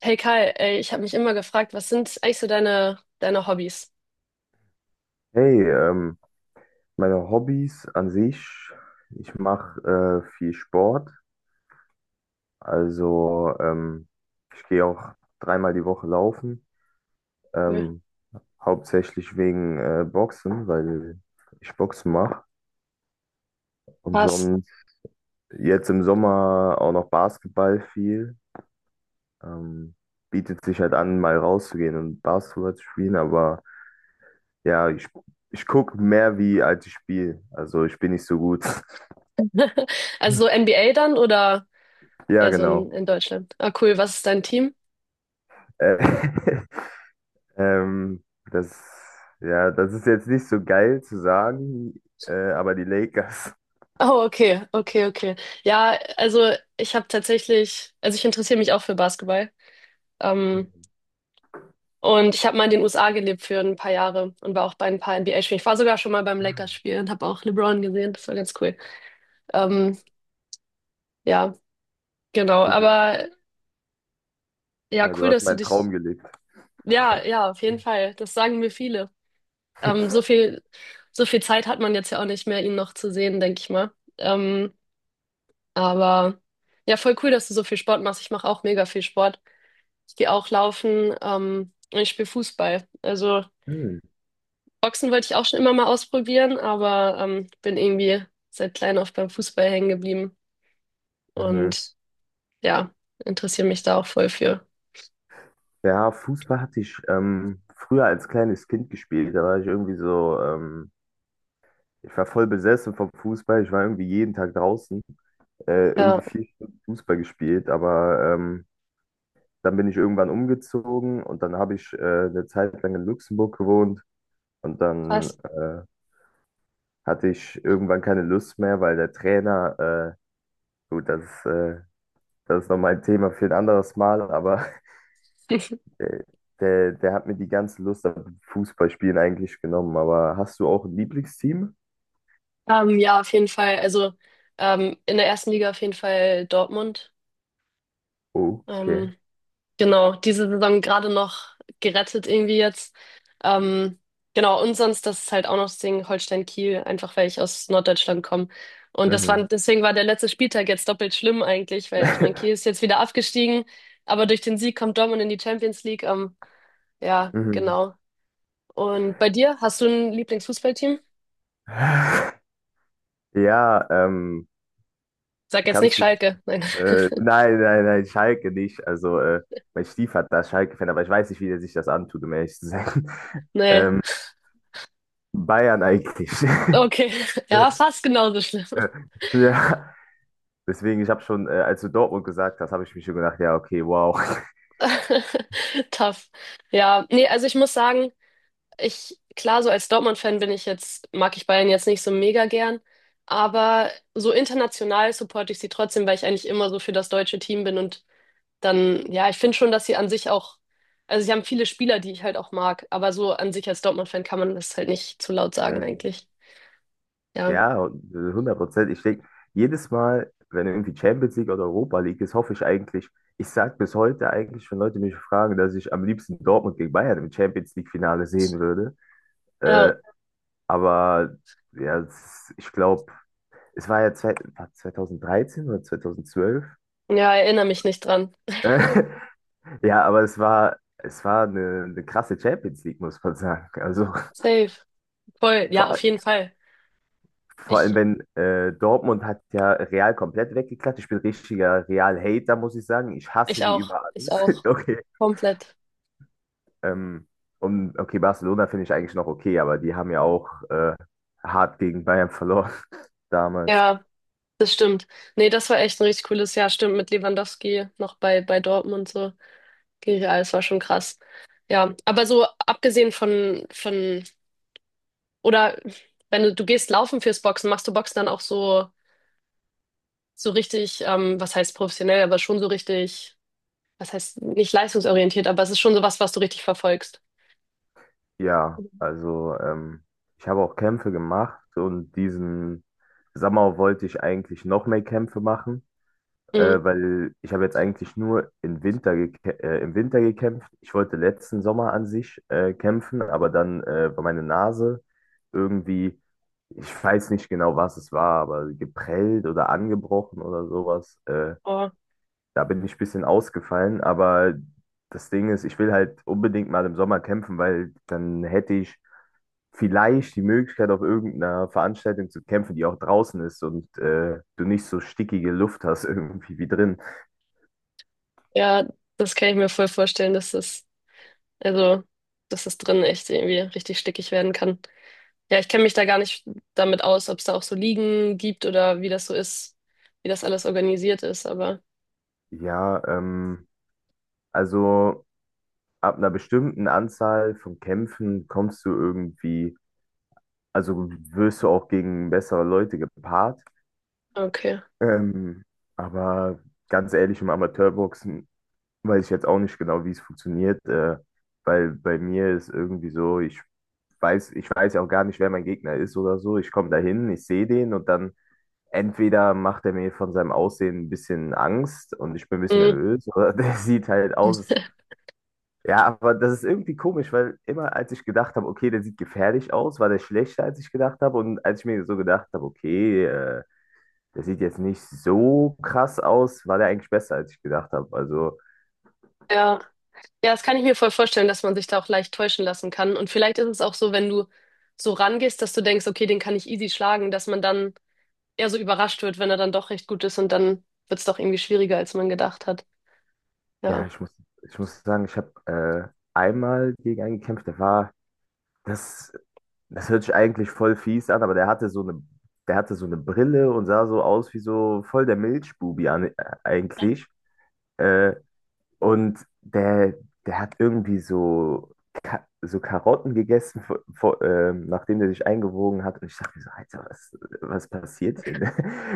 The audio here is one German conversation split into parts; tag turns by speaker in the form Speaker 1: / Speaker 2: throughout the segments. Speaker 1: Hey Kai, ey, ich habe mich immer gefragt, was sind eigentlich so deine Hobbys?
Speaker 2: Hey, meine Hobbys an sich, ich mache viel Sport, also ich gehe auch dreimal die Woche laufen,
Speaker 1: Cool.
Speaker 2: ähm, hauptsächlich wegen Boxen, weil ich Boxen mache. Und
Speaker 1: Pass.
Speaker 2: sonst jetzt im Sommer auch noch Basketball viel. Ähm, Bietet sich halt an, mal rauszugehen und Basketball zu spielen, aber ja, ich gucke mehr wie als ich spiele, also ich bin nicht so gut.
Speaker 1: Also so NBA dann oder
Speaker 2: Ja,
Speaker 1: eher so
Speaker 2: genau.
Speaker 1: in Deutschland? Ah, cool. Was ist dein Team?
Speaker 2: Äh, Ähm, das, ja, das ist jetzt nicht so geil zu sagen, aber die Lakers.
Speaker 1: Oh, okay, okay, okay. Ja, also ich habe tatsächlich, also ich interessiere mich auch für Basketball. Ähm, und ich habe mal in den USA gelebt für ein paar Jahre und war auch bei ein paar NBA-Spielen. Ich war sogar schon mal beim Lakers-Spiel und habe auch LeBron gesehen. Das war ganz cool. Ähm, ja, genau. Aber ja,
Speaker 2: Ja, du
Speaker 1: cool,
Speaker 2: hast
Speaker 1: dass du
Speaker 2: meinen
Speaker 1: dich.
Speaker 2: Traum gelebt.
Speaker 1: Ja, ja, auf jeden Fall. Das sagen mir viele. Ähm, so viel, so viel Zeit hat man jetzt ja auch nicht mehr, ihn noch zu sehen, denke ich mal. Ähm, aber ja, voll cool, dass du so viel Sport machst. Ich mache auch mega viel Sport. Ich gehe auch laufen, und ich spiele Fußball. Also
Speaker 2: Hm.
Speaker 1: Boxen wollte ich auch schon immer mal ausprobieren, aber bin irgendwie seit klein auf beim Fußball hängen geblieben.
Speaker 2: Mhm.
Speaker 1: Und ja, interessiere mich da auch voll für.
Speaker 2: Ja, Fußball hatte ich früher als kleines Kind gespielt. Da war ich irgendwie so, ich war voll besessen vom Fußball. Ich war irgendwie jeden Tag draußen, irgendwie
Speaker 1: Ja,
Speaker 2: 4 Stunden Fußball gespielt. Aber dann bin ich irgendwann umgezogen und dann habe ich eine Zeit lang in Luxemburg gewohnt. Und dann
Speaker 1: was?
Speaker 2: hatte ich irgendwann keine Lust mehr, weil der Trainer, äh, gut, das ist nochmal ein Thema für ein anderes Mal, aber äh, der hat mir die ganze Lust am Fußballspielen eigentlich genommen. Aber hast du auch ein Lieblingsteam?
Speaker 1: Ja, auf jeden Fall. Also in der ersten Liga auf jeden Fall Dortmund.
Speaker 2: Oh, okay.
Speaker 1: Ähm, genau, diese Saison gerade noch gerettet irgendwie jetzt. Ähm, genau, und sonst, das ist halt auch noch das Ding Holstein-Kiel, einfach weil ich aus Norddeutschland komme. Und das war,
Speaker 2: Mhm.
Speaker 1: deswegen war der letzte Spieltag jetzt doppelt schlimm eigentlich, weil ich meine, Kiel ist jetzt wieder abgestiegen, aber durch den Sieg kommt Dortmund in die Champions League. Ja,
Speaker 2: Mhm.
Speaker 1: genau. Und bei dir, hast du ein Lieblingsfußballteam?
Speaker 2: Ja,
Speaker 1: Sag jetzt nicht
Speaker 2: kannst du.
Speaker 1: Schalke. Nein.
Speaker 2: Nein, nein, nein, Schalke nicht. Also, mein Stiefvater ist Schalke-Fan, aber ich weiß nicht, wie der sich das antut, um ehrlich zu sein.
Speaker 1: Nee.
Speaker 2: Ähm, Bayern eigentlich.
Speaker 1: Okay. Ja, fast genauso schlimm.
Speaker 2: Äh, Ja, deswegen, ich habe schon, als du Dortmund gesagt hast, habe ich mir schon gedacht, ja, okay, wow.
Speaker 1: Tough. Ja, nee, also ich muss sagen, ich, klar, so als Dortmund-Fan bin ich jetzt, mag ich Bayern jetzt nicht so mega gern, aber so international supporte ich sie trotzdem, weil ich eigentlich immer so für das deutsche Team bin und dann, ja, ich finde schon, dass sie an sich auch, also sie haben viele Spieler, die ich halt auch mag, aber so an sich als Dortmund-Fan kann man das halt nicht zu laut sagen
Speaker 2: Mhm.
Speaker 1: eigentlich. Ja,
Speaker 2: Ja, und, Prozent. Ich denke, jedes Mal, wenn irgendwie Champions League oder Europa League ist, hoffe ich eigentlich, ich sage bis heute eigentlich, wenn Leute mich fragen, dass ich am liebsten Dortmund gegen Bayern im Champions League Finale sehen würde.
Speaker 1: ja,
Speaker 2: Äh, aber ja, ich glaube, es war ja war 2013 oder 2012.
Speaker 1: ja, erinnere mich nicht dran.
Speaker 2: Äh, Ja, aber es war eine krasse Champions League, muss man sagen. Also
Speaker 1: Safe. Voll,
Speaker 2: vor,
Speaker 1: ja, auf
Speaker 2: all-
Speaker 1: jeden Fall.
Speaker 2: vor
Speaker 1: Ich,
Speaker 2: allem, wenn Dortmund hat ja Real komplett weggeklatscht. Ich bin richtiger Real-Hater, muss ich sagen. Ich hasse
Speaker 1: ich
Speaker 2: die
Speaker 1: auch,
Speaker 2: über
Speaker 1: ich
Speaker 2: alles.
Speaker 1: auch.
Speaker 2: Okay.
Speaker 1: Komplett.
Speaker 2: Ähm, und okay, Barcelona finde ich eigentlich noch okay, aber die haben ja auch hart gegen Bayern verloren damals.
Speaker 1: Ja. Das stimmt. Nee, das war echt ein richtig cooles Jahr. Stimmt, mit Lewandowski noch bei Dortmund und so. Gegen Real, das war schon krass. Ja, aber so abgesehen von, oder wenn du gehst laufen fürs Boxen, machst du Boxen dann auch so, so richtig, was heißt professionell, aber schon so richtig, was heißt nicht leistungsorientiert, aber es ist schon so was, was du richtig verfolgst.
Speaker 2: Ja, also ich habe auch Kämpfe gemacht und diesen Sommer wollte ich eigentlich noch mehr Kämpfe machen,
Speaker 1: Mhm.
Speaker 2: weil ich habe jetzt eigentlich nur im Winter, im Winter gekämpft. Ich wollte letzten Sommer an sich kämpfen, aber dann war meine Nase irgendwie, ich weiß nicht genau, was es war, aber geprellt oder angebrochen oder sowas.
Speaker 1: Oh,
Speaker 2: Da bin ich ein bisschen ausgefallen, aber das Ding ist, ich will halt unbedingt mal im Sommer kämpfen, weil dann hätte ich vielleicht die Möglichkeit, auf irgendeiner Veranstaltung zu kämpfen, die auch draußen ist und du nicht so stickige Luft hast irgendwie wie drin.
Speaker 1: ja, das kann ich mir voll vorstellen, dass das, also, dass das drin echt irgendwie richtig stickig werden kann. Ja, ich kenne mich da gar nicht damit aus, ob es da auch so Ligen gibt oder wie das so ist, wie das alles organisiert ist, aber
Speaker 2: Ja, also ab einer bestimmten Anzahl von Kämpfen kommst du irgendwie, also wirst du auch gegen bessere Leute gepaart.
Speaker 1: okay.
Speaker 2: Ähm, aber ganz ehrlich, im Amateurboxen weiß ich jetzt auch nicht genau, wie es funktioniert, weil bei mir ist irgendwie so, ich weiß ja auch gar nicht, wer mein Gegner ist oder so. Ich komme dahin, ich sehe den und dann entweder macht er mir von seinem Aussehen ein bisschen Angst und ich bin ein bisschen
Speaker 1: Hm,
Speaker 2: nervös oder der sieht halt aus. Ja, aber das ist irgendwie komisch, weil immer als ich gedacht habe, okay, der sieht gefährlich aus, war der schlechter, als ich gedacht habe. Und als ich mir so gedacht habe, okay, der sieht jetzt nicht so krass aus, war der eigentlich besser, als ich gedacht habe. Also
Speaker 1: ja. Ja, das kann ich mir voll vorstellen, dass man sich da auch leicht täuschen lassen kann. Und vielleicht ist es auch so, wenn du so rangehst, dass du denkst, okay, den kann ich easy schlagen, dass man dann eher so überrascht wird, wenn er dann doch recht gut ist und dann wird es doch irgendwie schwieriger, als man gedacht hat.
Speaker 2: ja,
Speaker 1: Ja.
Speaker 2: ich muss sagen, ich habe einmal gegen einen gekämpft, das, das hört sich eigentlich voll fies an, aber der hatte so eine Brille und sah so aus wie so voll der Milchbubi an, eigentlich. Äh, Und der hat irgendwie so, Ka so Karotten gegessen, nachdem der sich eingewogen hat. Und ich dachte mir so: Alter, was passiert hier? Ne?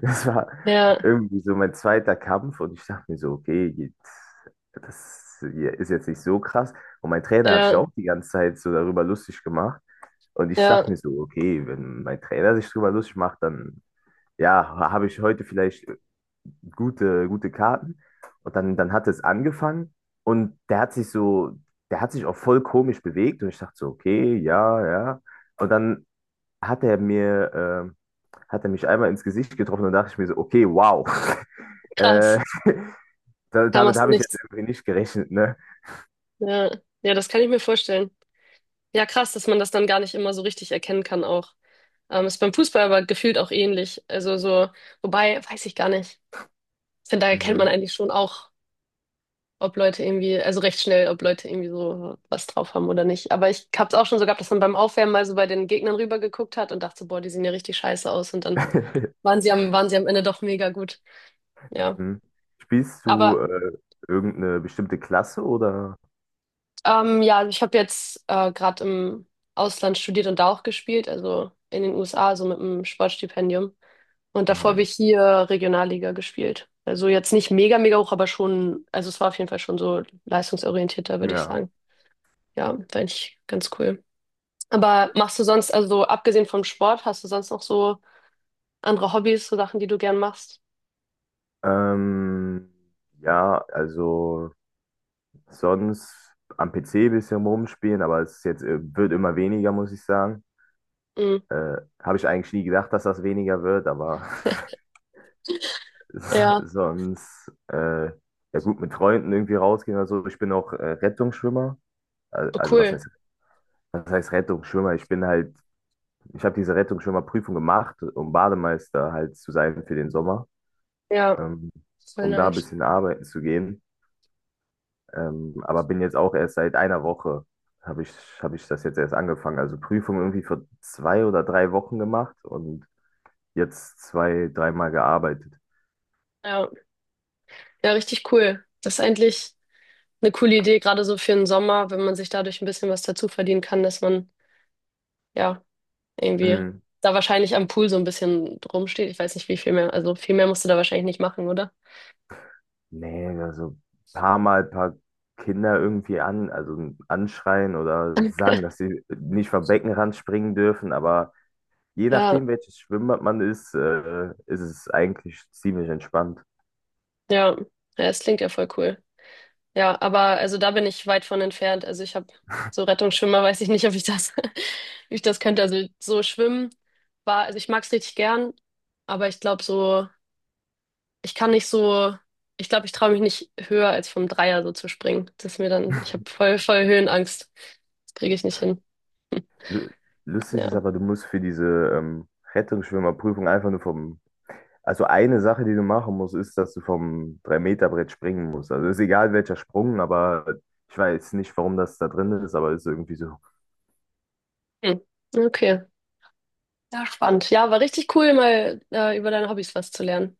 Speaker 2: Das war
Speaker 1: Ja,
Speaker 2: irgendwie so mein zweiter Kampf. Und ich dachte mir so, okay, jetzt, das hier ist jetzt nicht so krass. Und mein Trainer hat sich
Speaker 1: ja,
Speaker 2: auch die ganze Zeit so darüber lustig gemacht. Und ich
Speaker 1: ja.
Speaker 2: dachte mir so, okay, wenn mein Trainer sich darüber lustig macht, dann ja, habe ich heute vielleicht gute Karten. Und dann hat es angefangen und der hat sich auch voll komisch bewegt und ich dachte so, okay, ja, ja. Und dann hat er mich einmal ins Gesicht getroffen und dachte ich mir so, okay, wow. Äh,
Speaker 1: Krass. Kam
Speaker 2: damit
Speaker 1: aus dem
Speaker 2: habe ich jetzt
Speaker 1: Nichts.
Speaker 2: irgendwie nicht gerechnet, ne?
Speaker 1: Ja. Ja, das kann ich mir vorstellen. Ja, krass, dass man das dann gar nicht immer so richtig erkennen kann auch. Ist beim Fußball aber gefühlt auch ähnlich. Also so, wobei, weiß ich gar nicht. Ich finde, da erkennt man
Speaker 2: Mhm.
Speaker 1: eigentlich schon auch, ob Leute irgendwie, also recht schnell, ob Leute irgendwie so was drauf haben oder nicht. Aber ich habe es auch schon so gehabt, dass man beim Aufwärmen mal so bei den Gegnern rüber geguckt hat und dachte so, boah, die sehen ja richtig scheiße aus. Und dann waren sie am Ende doch mega gut. Ja.
Speaker 2: Mhm. Spielst du
Speaker 1: Aber
Speaker 2: irgendeine bestimmte Klasse oder?
Speaker 1: Ja, also ich habe jetzt gerade im Ausland studiert und da auch gespielt, also in den USA, so mit einem Sportstipendium. Und davor habe
Speaker 2: Mhm.
Speaker 1: ich hier Regionalliga gespielt. Also jetzt nicht mega hoch, aber schon, also es war auf jeden Fall schon so leistungsorientierter, würde ich
Speaker 2: Ja.
Speaker 1: sagen. Ja, fand ich ganz cool. Aber machst du sonst, also abgesehen vom Sport, hast du sonst noch so andere Hobbys, so Sachen, die du gern machst?
Speaker 2: Ähm, ja, also. Sonst am PC bisschen rumspielen, aber es ist jetzt, wird immer weniger, muss ich sagen.
Speaker 1: Mhm.
Speaker 2: Habe ich eigentlich nie gedacht, dass das weniger wird, aber
Speaker 1: Ja,
Speaker 2: sonst, ja gut, mit Freunden irgendwie rausgehen oder so. Ich bin auch Rettungsschwimmer.
Speaker 1: oh,
Speaker 2: Also
Speaker 1: cool.
Speaker 2: was heißt Rettungsschwimmer? Ich bin halt, ich habe diese Rettungsschwimmerprüfung gemacht, um Bademeister halt zu sein für den Sommer,
Speaker 1: Ja,
Speaker 2: ähm,
Speaker 1: voll
Speaker 2: um da ein
Speaker 1: nice.
Speaker 2: bisschen arbeiten zu gehen. Aber bin jetzt auch erst seit einer Woche, habe ich, hab ich das jetzt erst angefangen. Also Prüfung irgendwie vor zwei oder drei Wochen gemacht und jetzt zwei, dreimal gearbeitet.
Speaker 1: Ja, ja, richtig cool. Das ist eigentlich eine coole Idee, gerade so für den Sommer, wenn man sich dadurch ein bisschen was dazu verdienen kann, dass man ja irgendwie
Speaker 2: Mhm.
Speaker 1: da wahrscheinlich am Pool so ein bisschen rumsteht. Ich weiß nicht, wie viel mehr, also viel mehr musst du da wahrscheinlich nicht machen, oder?
Speaker 2: Nee, also ein paar Mal ein paar Kinder irgendwie an, also anschreien oder sagen, dass sie nicht vom Beckenrand springen dürfen, aber je
Speaker 1: Ja,
Speaker 2: nachdem, welches Schwimmbad man ist, ist es eigentlich ziemlich entspannt.
Speaker 1: ja, ja, es klingt ja voll cool. Ja, aber also da bin ich weit von entfernt. Also ich habe so Rettungsschwimmer, weiß ich nicht, ob ich das, ob ich das könnte. Also so schwimmen war, also ich mag es richtig gern, aber ich glaube so. Ich kann nicht so, ich glaube, ich traue mich nicht höher als vom Dreier so zu springen. Das ist mir dann, ich habe voll Höhenangst. Das kriege ich nicht hin.
Speaker 2: Lu- Lustig ist
Speaker 1: Ja.
Speaker 2: aber, du musst für diese ähm, Rettungsschwimmerprüfung einfach nur vom Also eine Sache, die du machen musst, ist, dass du vom 3-Meter-Brett springen musst. Also ist egal welcher Sprung, aber ich weiß nicht, warum das da drin ist, aber ist irgendwie so.
Speaker 1: Hm. Okay. Ja, spannend. Ja, war richtig cool, mal über deine Hobbys was zu lernen.